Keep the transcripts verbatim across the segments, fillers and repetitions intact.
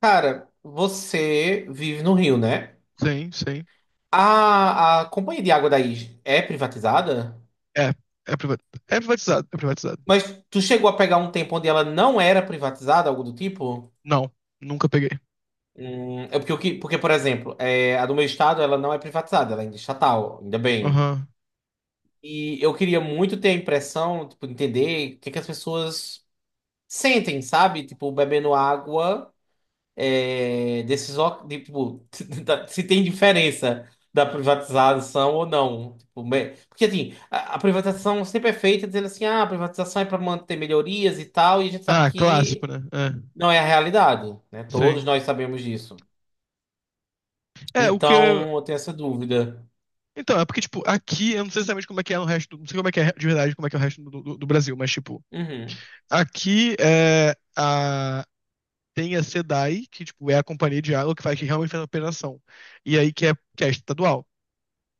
Cara, você vive no Rio, né? Sim, sim. A, a companhia de água daí é privatizada? É, é privatizado. É privatizado, é privatizado. Mas tu chegou a pegar um tempo onde ela não era privatizada, algo do tipo? Não, nunca peguei. Hum, é porque, o que- porque, por exemplo, é, a do meu estado ela não é privatizada, ela ainda é estatal, ainda bem. Aham. E eu queria muito ter a impressão, tipo, entender o que que as pessoas sentem, sabe? Tipo, bebendo água. É, desses, ó- de, tipo, se tem diferença da privatização ou não. Tipo, me- porque assim, a, a privatização sempre é feita dizendo assim, ah, a privatização é para manter melhorias e tal, e a gente sabe Ah, clássico, que né? É, não é a realidade, né? Todos sim. nós sabemos disso. É, o que. Então, eu tenho essa dúvida. Então, é porque, tipo, aqui, eu não sei exatamente como é que é no resto. Não sei como é que é de verdade, como é que é o resto do, do- do Brasil, mas, tipo, Uhum, aqui é a. Tem a SEDAI, que, tipo, é a companhia de água que faz, que realmente faz a operação. E aí que é, que é estadual.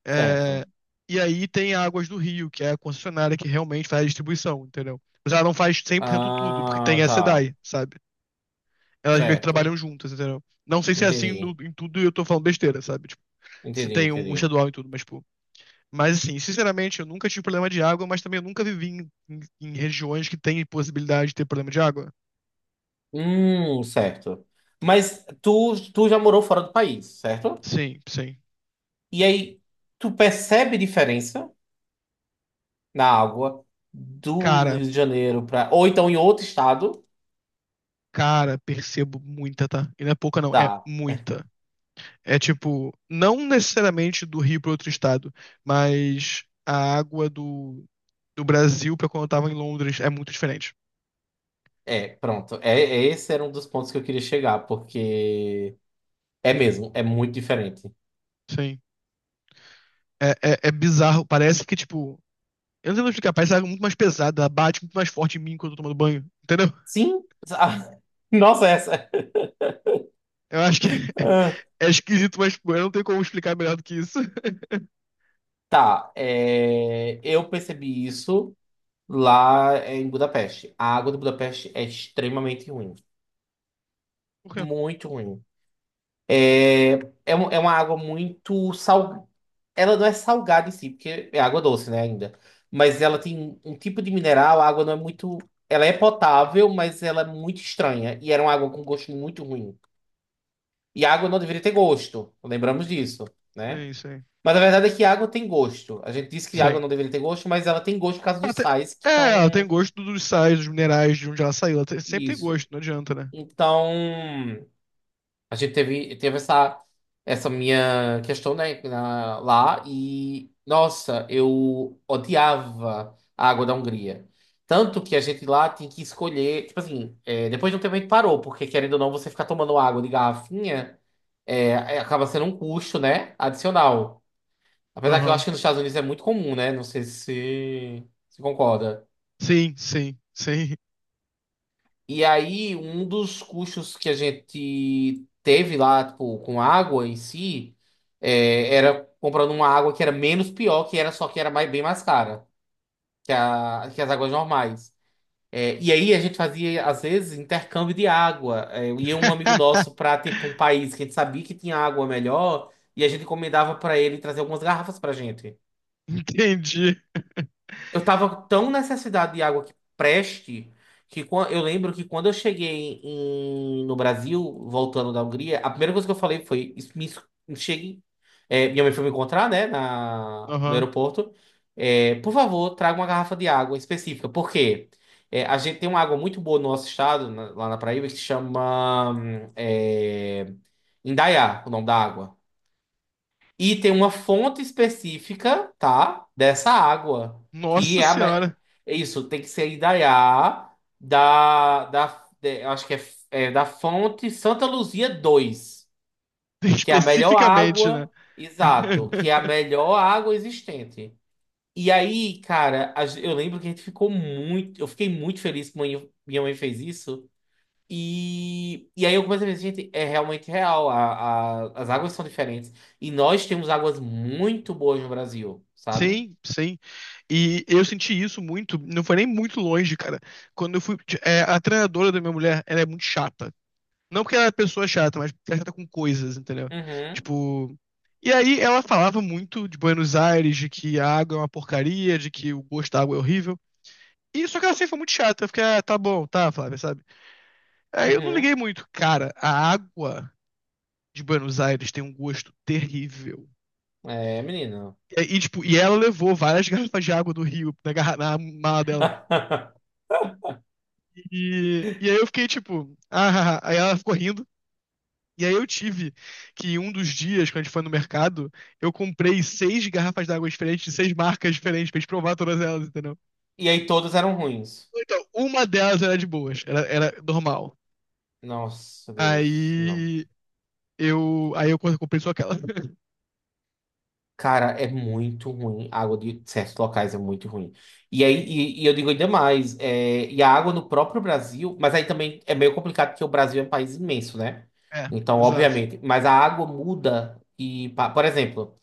É, certo. e aí tem a Águas do Rio, que é a concessionária que realmente faz a distribuição, entendeu? Mas ela não faz cem por cento tudo, porque tem Ah, a tá. SEDAI, sabe? Elas meio que Certo. trabalham juntas, entendeu? Não sei se é assim no- Entendi. em tudo e eu tô falando besteira, sabe? Tipo, se Entendi, tem um, um entendi. estadual em tudo, mas, tipo. Mas, assim, sinceramente, eu nunca tive problema de água, mas também eu nunca vivi em, em- em regiões que tem possibilidade de ter problema de água. Hum, certo. Mas tu, tu já morou fora do país, certo? Sim, sim. E aí, tu percebe diferença na água do Cara, Rio de Janeiro para. Ou então em outro estado. cara, percebo muita, tá? E não é pouca, não, é Tá, muita. É tipo, não necessariamente do Rio para outro estado, mas a água do, do Brasil para quando eu tava em Londres é muito diferente. é, pronto. É, é- esse era um dos pontos que eu queria chegar, porque é mesmo, é muito diferente. Sim. É, é, é bizarro. Parece que, tipo, eu não sei como explicar, parece água muito mais pesada, bate muito mais forte em mim quando eu tô tomando banho. Entendeu? Sim. sa- Nossa, essa. Eu acho que Ah, é esquisito, mas pô, eu não tenho como explicar melhor do que isso. tá, é, eu percebi isso lá é, em Budapeste. A água de Budapeste é extremamente ruim. Porra. Muito ruim. É, é, um- é uma água muito sal, ela não é salgada em si, porque é água doce, né, ainda. Mas ela tem um tipo de mineral, a água não é muito. Ela é potável, mas ela é muito estranha. E era uma água com gosto muito ruim. E a água não deveria ter gosto. Lembramos disso, É né? isso aí. Mas a verdade é que a água tem gosto. A gente disse que a água Sei. não deveria ter gosto, mas ela tem gosto por causa Ela dos tem- sais que é, ela tem estão. gosto dos sais, dos minerais, de onde ela saiu. Ela tem- sempre tem Isso. gosto, não adianta, né? Então. A gente teve, teve essa, essa minha questão, né, na- lá e, nossa, eu odiava a água da Hungria. Tanto que a gente lá tem que escolher, tipo assim, é, depois de um tempo a gente parou, porque querendo ou não, você ficar tomando água de garrafinha é, é- acaba sendo um custo, né, adicional. Apesar que eu Aham. acho que nos Estados Unidos é muito comum, né? Não sei se se concorda. Sim, sim, sim. E aí, um dos custos que a gente teve lá, tipo, com água em si, é, era comprando uma água que era menos pior, que era só que era mais, bem mais cara que, a, que as águas normais. É, e aí a gente fazia, às vezes, intercâmbio de água. É, ia um amigo nosso para, tipo, um país que a gente sabia que tinha água melhor, e a gente encomendava para ele trazer algumas garrafas pra gente. Entendi. Eu tava tão necessidade de água que preste que quan- eu lembro que quando eu cheguei em- no Brasil, voltando da Hungria, a primeira coisa que eu falei foi: "Isso- me, es- me chegue." É, minha mãe foi me encontrar, né, na, no Aham. aeroporto. É, por favor, traga uma garrafa de água específica. Por quê? É, a gente tem uma água muito boa no nosso estado, na- lá na Paraíba, que se chama hum, é, Indaiá, o nome da água. E tem uma fonte específica, tá? Dessa água. Que Nossa é a. ma- é senhora. Isso, tem que ser Indaiá, da, da, de- eu acho que é, é da fonte Santa Luzia dois, que é a melhor Especificamente, né? água, exato, que é a melhor água existente. E aí, cara, a gen- eu lembro que a gente ficou muito. Eu fiquei muito feliz que minha minha mãe fez isso. E, e aí eu comecei a ver, gente, é realmente real. A, a- as águas são diferentes. E nós temos águas muito boas no Brasil, sabe? Sim, sim. E eu senti isso muito, não foi nem muito longe, cara. Quando eu fui. É, a treinadora da minha mulher, ela é muito chata. Não porque ela é pessoa chata, mas porque ela é chata com coisas, entendeu? Uhum, Tipo. E aí ela falava muito de Buenos Aires, de que a água é uma porcaria, de que o gosto da água é horrível. E só que ela sempre foi muito chata. Eu fiquei, ah, tá bom, tá, Flávia, sabe? Aí eu não liguei uhum. muito. Cara, a água de Buenos Aires tem um gosto terrível. É, menino. E, aí, tipo, e ela levou várias garrafas de água do Rio na, garra- na mala dela. E, e aí eu fiquei tipo, ah, ah, ah. Aí ela ficou rindo. E aí eu tive que um dos dias, quando a gente foi no mercado, eu comprei seis garrafas d'água diferentes, de seis marcas diferentes, pra gente provar todas elas, entendeu? E aí todas eram ruins. Então, uma delas era de boas, era, era normal. Nossa, Deus, não. Aí eu, aí eu comprei só aquela. Cara, é muito ruim. A água de certos locais é muito ruim. E aí, e, e eu digo ainda mais, é, e a água no próprio Brasil, mas aí também é meio complicado porque o Brasil é um país imenso, né? É, Então, exato. obviamente, mas a água muda e, pa- por exemplo,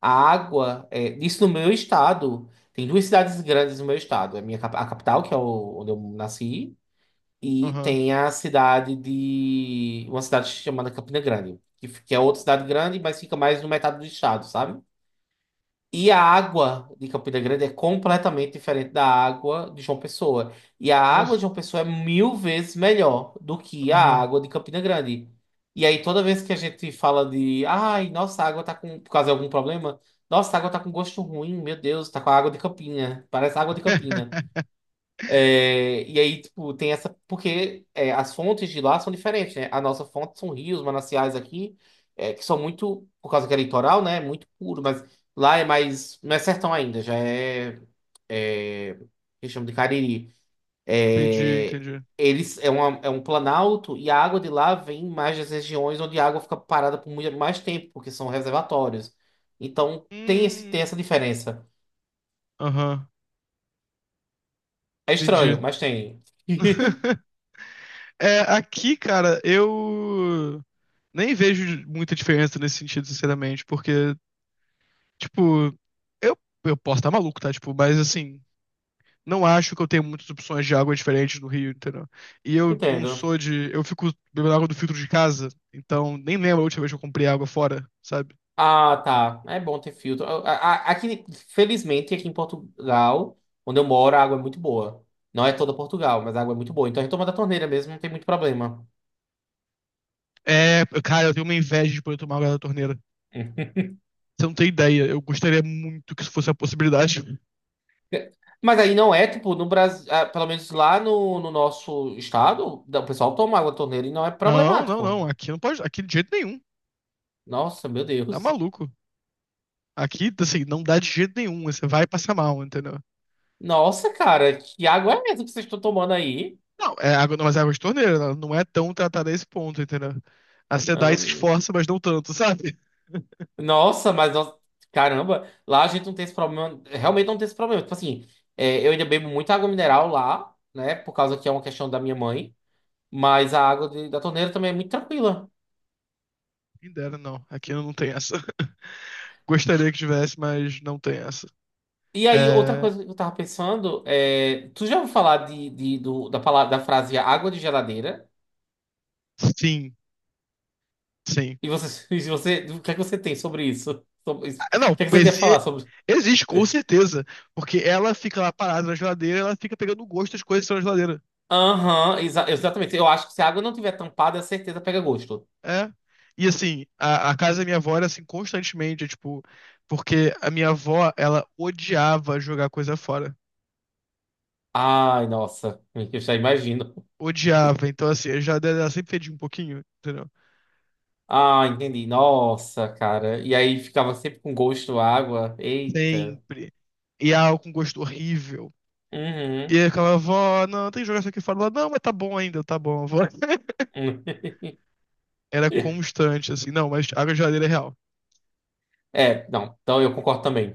a água, é, isso no meu estado, tem duas cidades grandes no meu estado, é a minha cap- a capital, que é o- onde eu nasci, e Aham. tem a cidade de uma cidade chamada Campina Grande, que, f- que é outra cidade grande, mas fica mais no metade do estado, sabe? E a água de Campina Grande é completamente diferente da água de João Pessoa. E a água de Nossa. João Pessoa é mil vezes melhor do que a Aham. água de Campina Grande. E aí, toda vez que a gente fala de, ai, nossa, a água tá com, por causa de algum problema, nossa, a água tá com gosto ruim, meu Deus, tá com a água de Campina, parece água de Campina. É, e aí, tipo, tem essa. Porque é, as fontes de lá são diferentes, né? A nossa fonte são rios, mananciais aqui, é, que são muito, por causa que é litoral, né? Muito puro, mas lá é mais. Não é sertão ainda, já é. É que chama de Cariri. Entendi, É, entendi. Eles, é, uma, é um planalto e a água de lá vem mais das regiões onde a água fica parada por muito mais tempo, porque são reservatórios. Então tem, esse, tem Hum, essa diferença. aham, É entendi. estranho, mas tem. É, aqui, cara, eu nem vejo muita diferença nesse sentido, sinceramente, porque, tipo, eu, eu posso estar maluco, tá? Tipo, mas assim, não acho que eu tenho muitas opções de água diferentes no Rio, entendeu? E eu não Entendo. sou de. Eu fico bebendo água do filtro de casa, então nem lembro a última vez que eu comprei água fora, sabe? Ah, tá. É bom ter filtro. A- a- Aqui, felizmente, aqui em Portugal, onde eu moro, a água é muito boa. Não é toda Portugal, mas a água é muito boa. Então a gente toma da torneira mesmo, não tem muito problema. É, cara, eu tenho uma inveja de poder tomar água da torneira. Você não tem ideia, eu gostaria muito que isso fosse a possibilidade. Mas aí não é, tipo, no Brasil, ah, pelo menos lá no, no nosso estado, da- o pessoal toma água da torneira e não é Não, não, problemático. não. Aqui não pode. Aqui de jeito nenhum. Nossa, meu Tá Deus. maluco. Aqui, assim, não dá de jeito nenhum. Você vai passar mal, entendeu? Nossa, cara, que água é essa que vocês estão tomando aí? Não, é água, não, mas é água de torneira. Ela não é tão tratada a esse ponto, entendeu? A SEDAI se esforça, mas não tanto, sabe? Nossa, mas nós... caramba, lá a gente não tem esse problema, realmente não tem esse problema. Tipo assim, é, eu ainda bebo muita água mineral lá, né? Por causa que é uma questão da minha mãe, mas a água de- da torneira também é muito tranquila. Quem dera, não. Aqui não tem essa. Gostaria que tivesse, mas não tem essa. E aí, outra É... coisa que eu tava pensando é, tu já ouviu falar de, de- do- da palavra, da frase água de geladeira? Sim, sim. E você, e você, o que é que você tem sobre isso? Sobre isso? O Ah, não, que é que você tem a exi- falar sobre? existe, com certeza. Porque ela fica lá parada na geladeira, ela fica pegando o gosto das coisas que estão na geladeira. Aham, exa- exatamente. Eu acho que se a água não tiver tampada, a certeza pega gosto. É. E assim, a, a casa da minha avó era assim constantemente, tipo, porque a minha avó, ela odiava jogar coisa fora. Ai, nossa, eu já imagino. Odiava. Então, assim, a geladeira dela sempre fedia um pouquinho, entendeu? Ah, entendi. Nossa, cara. E aí ficava sempre com gosto à água. Eita. Sempre. E algo com gosto horrível. E Uhum. eu ficava, avó, não, tem que jogar isso aqui fora. Ela, não, mas tá bom ainda, tá bom, avó. Hum. Era constante, assim, não, mas água de geladeira é real. É, não. Então eu concordo também.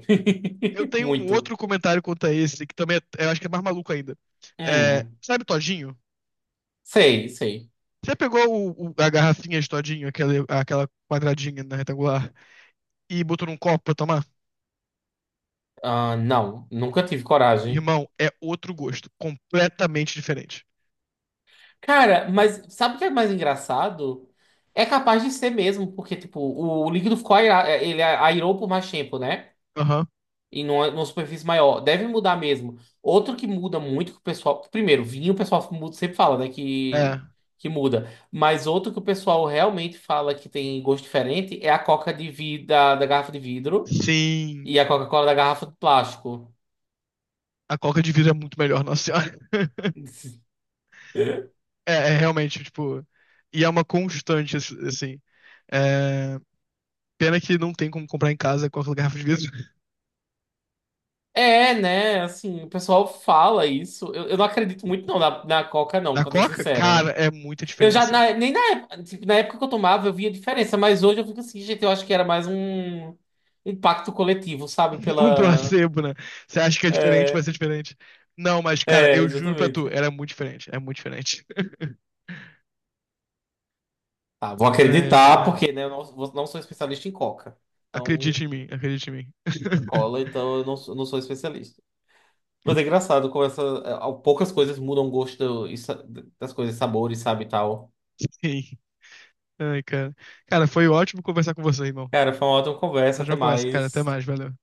Eu tenho um Muito. outro comentário quanto a esse, que também é, eu acho que é mais maluco ainda. É, Hum. sabe Todinho? Sei, sei. Você pegou o- o- a garrafinha de todinho, aquela, aquela quadradinha na retangular, e botou num copo pra tomar? Ah, não. Nunca tive coragem. Irmão, é outro gosto. Completamente diferente. Cara, mas sabe o que é mais engraçado? É capaz de ser mesmo, porque, tipo, o líquido ficou aira- ele é airou por mais tempo, né? Aham. E numa, numa superfície maior. Deve mudar mesmo. Outro que muda muito que o pessoal. Primeiro, vinho o pessoal muda- sempre fala, né? É. Que, que muda. Mas outro que o pessoal realmente fala que tem gosto diferente é a coca de vidro da, da garrafa de vidro Sim. e a Coca-Cola da garrafa de plástico. A coca de vidro é muito melhor, nossa senhora. É, é realmente, tipo. E é uma constante, ass- assim. É, pena que não tem como comprar em casa coca da garrafa de vidro. É, né? Assim, o pessoal fala isso. Eu, eu não acredito muito não na, na Coca, não, Na pra ser coca, cara, sincero. é muita Eu já, diferença. na- nem na época, tipo, na época que eu tomava, eu via diferença, mas hoje eu fico assim, gente, eu acho que era mais um impacto coletivo, sabe? Um Pela. placebo, né? Você acha que é diferente, vai É, ser diferente. Não, mas, cara, é, eu juro pra tu, exatamente. era muito diferente. É muito diferente. Tá, vou Ai, ai, acreditar, cara. porque, né, eu não, vou- não sou especialista em Coca. Então, Acredite em mim, acredite em mim. Coca-Cola, então eu não, sou- não sou especialista. Mas é engraçado como essa, é, poucas coisas mudam o gosto e sa- das coisas, sabores, sabe, e tal. Sim. Ai, cara. Cara, foi ótimo conversar com você, irmão. Cara, foi uma ótima conversa, Nós até já conversa, cara. Até mais. mais, valeu.